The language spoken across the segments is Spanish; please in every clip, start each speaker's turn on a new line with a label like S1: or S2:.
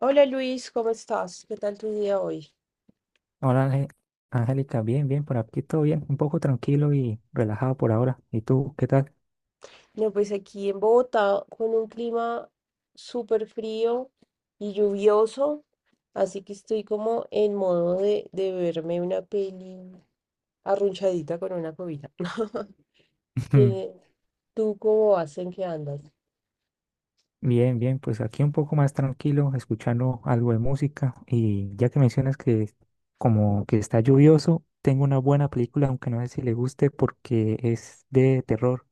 S1: Hola Luis, ¿cómo estás? ¿Qué tal tu día hoy?
S2: Hola, Angélica, bien, bien, por aquí todo bien, un poco tranquilo y relajado por ahora. ¿Y tú, qué tal?
S1: No, pues aquí en Bogotá con un clima súper frío y lluvioso, así que estoy como en modo de verme una peli arrunchadita con una cobija. ¿Qué- ¿Tú cómo vas? ¿En qué andas?
S2: Bien, bien, pues aquí un poco más tranquilo, escuchando algo de música. Y ya que mencionas que como que está lluvioso, tengo una buena película, aunque no sé si le guste porque es de terror.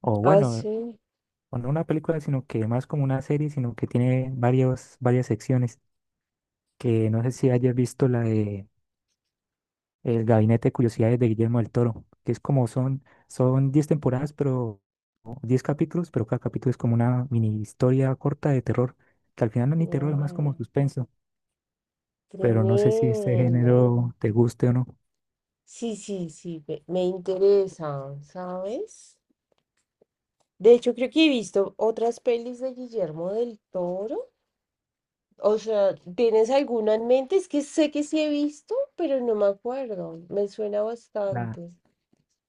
S2: O
S1: Ah,
S2: bueno,
S1: sí.
S2: o no una película, sino que más como una serie, sino que tiene varias secciones. Que no sé si hayas visto la de El Gabinete de Curiosidades de Guillermo del Toro, que es como son 10 temporadas, pero o 10 capítulos, pero cada capítulo es como una mini historia corta de terror, que al final no es ni terror, es más
S1: Guau,
S2: como suspenso, pero no sé si este
S1: tremendo.
S2: género te guste o no.
S1: Sí, sí, sí, me interesa, ¿sabes? De hecho, creo que he visto otras pelis de Guillermo del Toro. O sea, ¿tienes alguna en mente? Es que sé que sí he visto, pero no me acuerdo. Me suena
S2: La,
S1: bastante.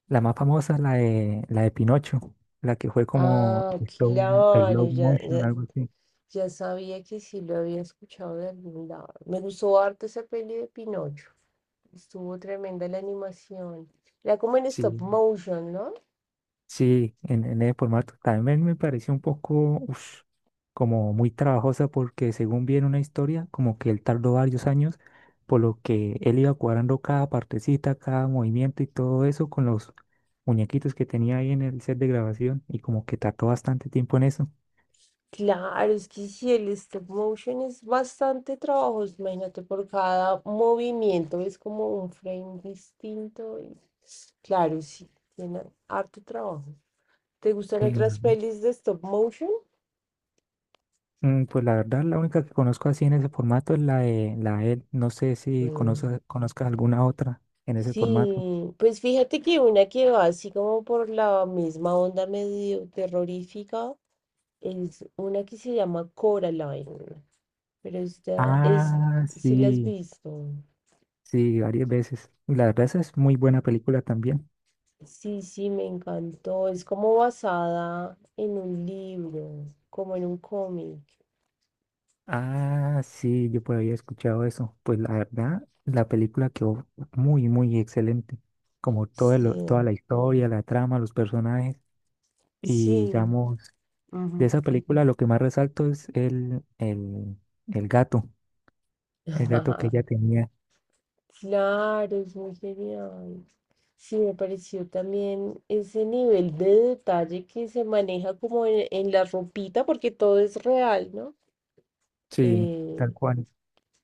S2: la más famosa es la la de Pinocho, la que fue como
S1: Ah,
S2: el
S1: claro,
S2: slow
S1: ya,
S2: motion,
S1: ya,
S2: algo así.
S1: ya sabía que sí lo había escuchado de algún lado. Me gustó harto esa peli de Pinocho. Estuvo tremenda la animación. Era como en stop
S2: Sí,
S1: motion, ¿no?
S2: sí, en el formato. También me pareció un poco, ush, como muy trabajosa porque según vi en una historia, como que él tardó varios años, por lo que él iba cuadrando cada partecita, cada movimiento y todo eso con los muñequitos que tenía ahí en el set de grabación y como que tardó bastante tiempo en eso.
S1: Claro, es que si el stop motion es bastante trabajoso, imagínate, por cada movimiento es como un frame distinto. Claro, sí, tiene harto trabajo. ¿Te gustan
S2: Eh,
S1: otras pelis de stop motion?
S2: pues la verdad, la única que conozco así en ese formato es la de él. No sé si
S1: Mm,
S2: conozcas alguna otra en ese formato.
S1: Sí, pues fíjate que una que va así como por la misma onda medio terrorífica es una que se llama Coraline, pero esta es,
S2: Ah,
S1: si la has
S2: sí.
S1: visto.
S2: Sí, varias veces. Y la verdad, esa es muy buena película también.
S1: Sí, sí, me encantó. Es como basada en un libro, como en un cómic.
S2: Ah, sí, yo por ahí he escuchado eso. Pues la verdad, la película quedó muy, muy excelente. Como toda
S1: Sí,
S2: la historia, la trama, los personajes. Y
S1: sí.
S2: digamos, de
S1: Ujú.
S2: esa película lo que más resalto es el gato. El gato que ella tenía.
S1: Claro, es muy genial. Sí, me pareció también ese nivel de detalle que se maneja como en la ropita, porque todo es real, ¿no?
S2: Sí, tal
S1: Eh,
S2: cual.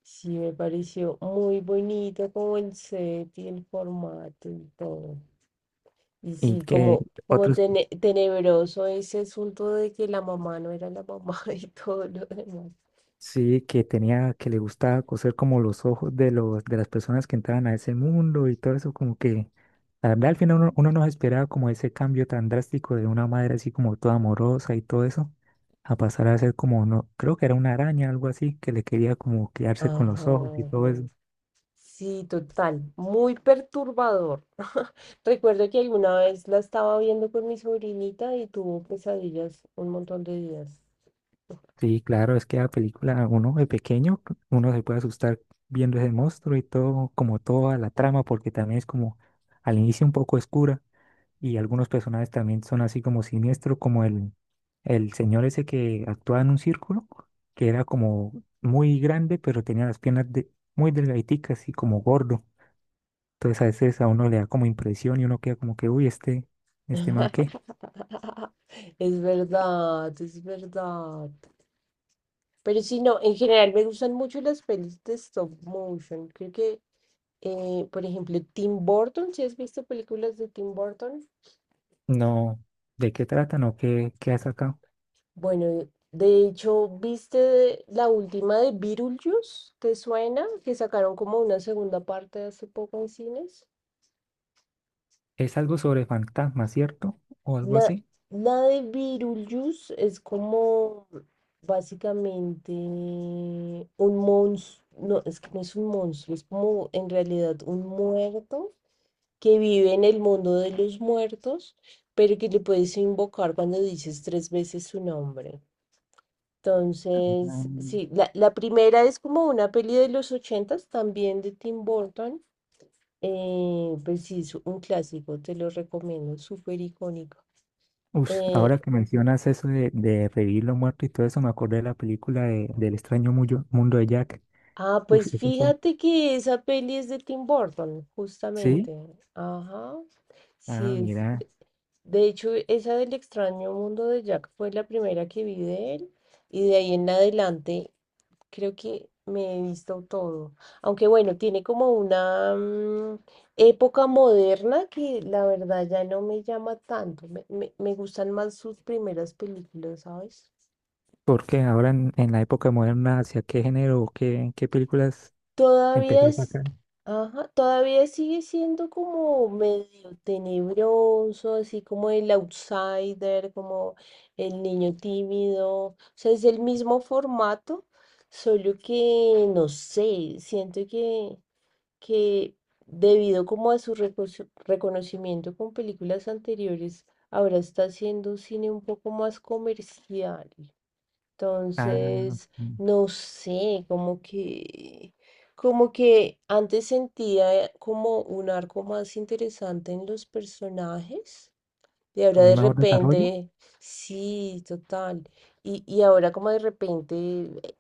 S1: sí, me pareció muy bonito como el set y el formato y todo. Y
S2: Y
S1: sí,
S2: que
S1: como, como
S2: otros
S1: tenebroso ese asunto de que la mamá no era la mamá y todo lo demás.
S2: Sí, que tenía, que le gustaba coser como los ojos de de las personas que entraban a ese mundo y todo eso, como que, la verdad, al final uno no se esperaba como ese cambio tan drástico de una madre así como toda amorosa y todo eso, a pasar a ser como, no, creo que era una araña, algo así, que le quería como quedarse con los ojos y
S1: Ajá.
S2: todo eso.
S1: Sí, total. Muy perturbador. Recuerdo que alguna vez la estaba viendo con mi sobrinita y tuvo pesadillas un montón de días.
S2: Sí, claro, es que la película, uno de pequeño, uno se puede asustar viendo ese monstruo y todo, como toda la trama, porque también es como al inicio un poco oscura. Y algunos personajes también son así como siniestros, como el señor ese que actuaba en un círculo, que era como muy grande, pero tenía muy delgaditicas y como gordo. Entonces a veces a uno le da como impresión y uno queda como que, uy, este man qué,
S1: Es verdad, es verdad. Pero sí, no, en general me gustan mucho las pelis de stop motion. Creo que por ejemplo, Tim Burton, ¿si has visto películas de Tim Burton?
S2: no, ¿de qué tratan o qué ha sacado?
S1: Bueno, de hecho, ¿viste la última de Beetlejuice? ¿Te suena? Que sacaron como una segunda parte hace poco en cines.
S2: Es algo sobre fantasmas, ¿cierto? O algo
S1: La,
S2: así.
S1: la de Beetlejuice es como básicamente un monstruo, no, es que no es un monstruo, es como en realidad un muerto que vive en el mundo de los muertos, pero que le puedes invocar cuando dices tres veces su nombre. Entonces,
S2: Mm.
S1: sí, la primera es como una peli de los ochentas, también de Tim Burton. Pues sí, es un clásico, te lo recomiendo, súper icónico.
S2: Ush,
S1: Eh,
S2: ahora que mencionas eso de revivir lo muerto y todo eso, me acordé de la película del extraño mundo de Jack.
S1: ah, pues
S2: Ush, esa,
S1: fíjate que esa peli es de Tim Burton, justamente.
S2: sí,
S1: Ajá,
S2: ah,
S1: sí,
S2: mira,
S1: de hecho, esa del extraño mundo de Jack fue la primera que vi de él y de ahí en adelante creo que me he visto todo. Aunque bueno, tiene como una época moderna que la verdad ya no me llama tanto. Me gustan más sus primeras películas, ¿sabes?
S2: porque ahora en la época moderna, ¿hacia qué género o qué películas
S1: Todavía
S2: empezó a
S1: es,
S2: sacar?
S1: ajá, todavía sigue siendo como medio tenebroso, así como el outsider, como el niño tímido. O sea, es el mismo formato, solo que no sé, siento que debido como a su reconocimiento con películas anteriores, ahora está haciendo un cine un poco más comercial.
S2: Ah,
S1: Entonces,
S2: mm,
S1: no sé, como que antes sentía como un arco más interesante en los personajes. Y ahora
S2: como un
S1: de
S2: mejor desarrollo,
S1: repente, sí, total. Y ahora como de repente,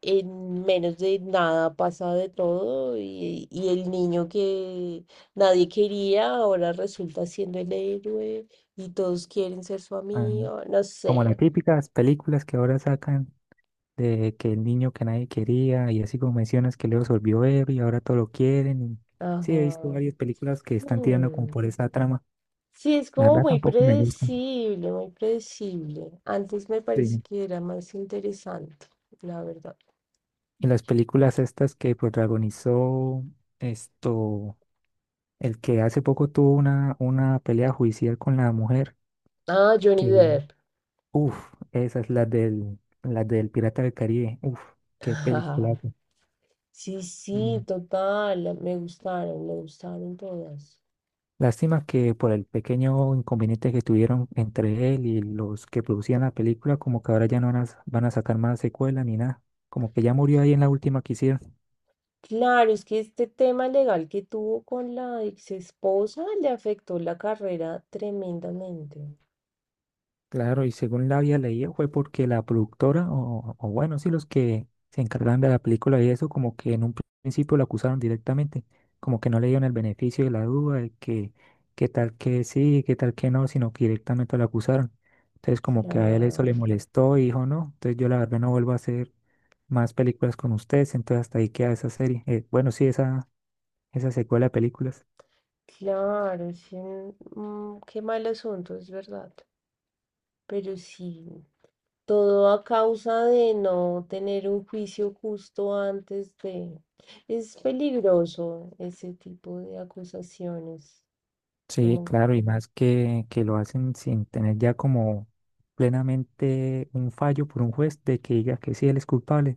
S1: en menos de nada pasa de todo y el niño que nadie quería ahora resulta siendo el héroe y todos quieren ser su
S2: ah,
S1: amigo, no
S2: como las
S1: sé.
S2: típicas películas que ahora sacan de que el niño que nadie quería y así como mencionas que luego se volvió ver y ahora todo lo quieren. Y sí, he visto
S1: Ajá.
S2: varias películas que están tirando como por
S1: Mm.
S2: esa trama.
S1: Sí, es
S2: La
S1: como
S2: verdad
S1: muy
S2: tampoco me gustan.
S1: predecible, muy predecible. Antes me parece
S2: Sí.
S1: que era más interesante, la verdad.
S2: Y las películas estas que protagonizó esto. El que hace poco tuvo una pelea judicial con la mujer,
S1: Ah, Johnny
S2: que,
S1: Depp.
S2: uff, esas, las del Pirata del Caribe, uff, qué película.
S1: Sí, sí, total. Me gustaron todas.
S2: Lástima que por el pequeño inconveniente que tuvieron entre él y los que producían la película, como que ahora ya no van a sacar más secuela ni nada, como que ya murió ahí en la última que hicieron.
S1: Claro, es que este tema legal que tuvo con la ex esposa le afectó la carrera tremendamente.
S2: Claro, y según la había leído fue porque la productora, o bueno, sí, los que se encargaban de la película y eso, como que en un principio lo acusaron directamente, como que no le dieron el beneficio de la duda, de que qué tal que sí, qué tal que no, sino que directamente lo acusaron. Entonces como que a él eso
S1: Claro,
S2: le molestó y dijo, no, entonces yo la verdad no vuelvo a hacer más películas con ustedes, entonces hasta ahí queda esa serie. Bueno, sí, esa secuela de películas.
S1: claro, sí, qué mal asunto, es verdad. Pero sí. Todo a causa de no tener un juicio justo antes de... Es peligroso ese tipo de acusaciones.
S2: Sí,
S1: Como,
S2: claro, y más que lo hacen sin tener ya como plenamente un fallo por un juez de que diga que sí, él es culpable,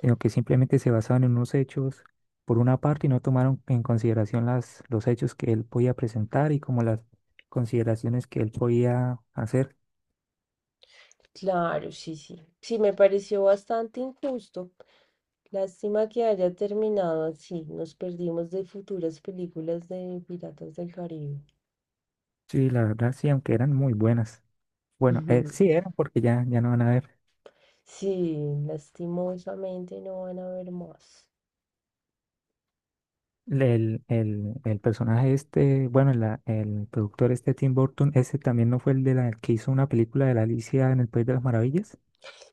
S2: sino que simplemente se basaban en unos hechos por una parte y no tomaron en consideración los hechos que él podía presentar y como las consideraciones que él podía hacer.
S1: claro, sí, sí. Sí, me pareció bastante injusto. Lástima que haya terminado así. Nos perdimos de futuras películas de Piratas del Caribe.
S2: Sí, la verdad sí, aunque eran muy buenas. Bueno, sí eran porque ya no van a ver.
S1: Sí, lastimosamente no van a ver más.
S2: El personaje este, bueno, el productor este Tim Burton, ese también no fue el de la que hizo una película de la Alicia en el País de las Maravillas.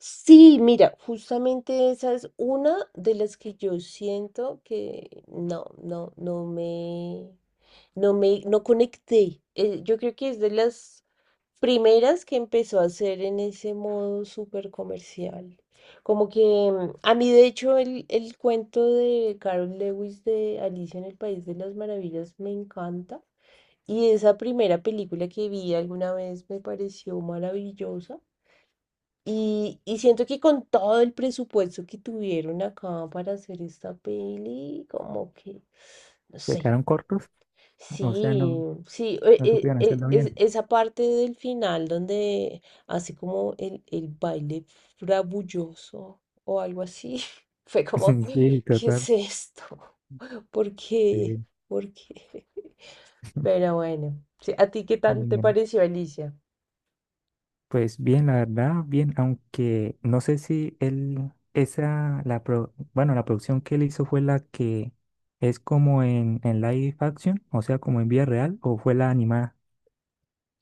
S1: Sí, mira, justamente esa es una de las que yo siento que no, no, no me, no conecté. Yo creo que es de las primeras que empezó a hacer en ese modo súper comercial. Como que a mí, de hecho, el cuento de Carol Lewis de Alicia en el País de las Maravillas me encanta. Y esa primera película que vi alguna vez me pareció maravillosa. Y siento que con todo el presupuesto que tuvieron acá para hacer esta peli, como que, no
S2: Se
S1: sé,
S2: quedaron cortos, o sea,
S1: sí,
S2: no,
S1: sí,
S2: no supieron hacerlo bien.
S1: esa parte del final donde hace como el baile frabulloso o algo así, fue como,
S2: Sí,
S1: ¿qué es
S2: total.
S1: esto? ¿Por qué?
S2: Sí,
S1: ¿Por qué? Pero bueno, sí, ¿a ti qué
S2: ah,
S1: tal te
S2: bien.
S1: pareció Alicia?
S2: Pues bien, la verdad, bien, aunque no sé si él, esa, bueno, la producción que él hizo fue la que es como en live action, o sea, como en vida real, o fue la animada,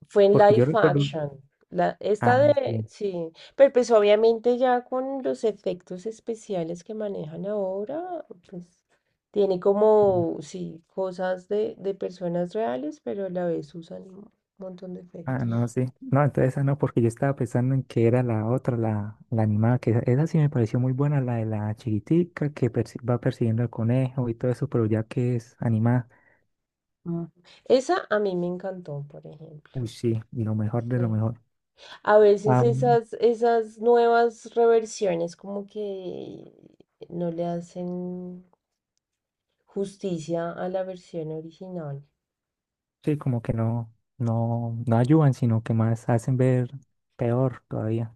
S1: Fue en
S2: porque yo
S1: live
S2: recuerdo,
S1: action.
S2: ah,
S1: Esta de,
S2: sí.
S1: sí, pero pues obviamente ya con los efectos especiales que manejan ahora, pues tiene como, sí, cosas de personas reales, pero a la vez usan un montón de
S2: Ah, no,
S1: efectos.
S2: sí. No, entonces esa no, porque yo estaba pensando en que era la otra, la animada, que esa sí me pareció muy buena, la de la chiquitica que va persiguiendo al conejo y todo eso, pero ya que es animada,
S1: Mm. Esa a mí me encantó, por ejemplo.
S2: uy, sí, y lo mejor de lo
S1: Sí.
S2: mejor.
S1: A veces
S2: Ah,
S1: esas nuevas reversiones como que no le hacen justicia a la versión original.
S2: sí, como que no ayudan, sino que más hacen ver peor todavía.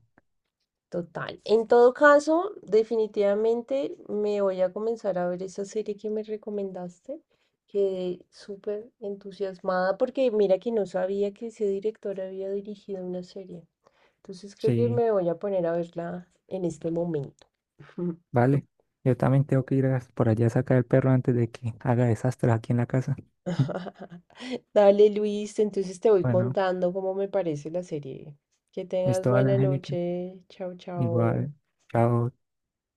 S1: Total. En todo caso, definitivamente me voy a comenzar a ver esa serie que me recomendaste. Quedé súper entusiasmada porque mira que no sabía que ese director había dirigido una serie. Entonces creo que
S2: Sí,
S1: me voy a poner a verla en este momento.
S2: vale. Yo también tengo que por allá a sacar el perro antes de que haga desastres aquí en la casa.
S1: Dale, Luis, entonces te voy
S2: Bueno,
S1: contando cómo me parece la serie. Que tengas
S2: esto vale,
S1: buena
S2: Angélica.
S1: noche. Chao, chao.
S2: Igual, chao.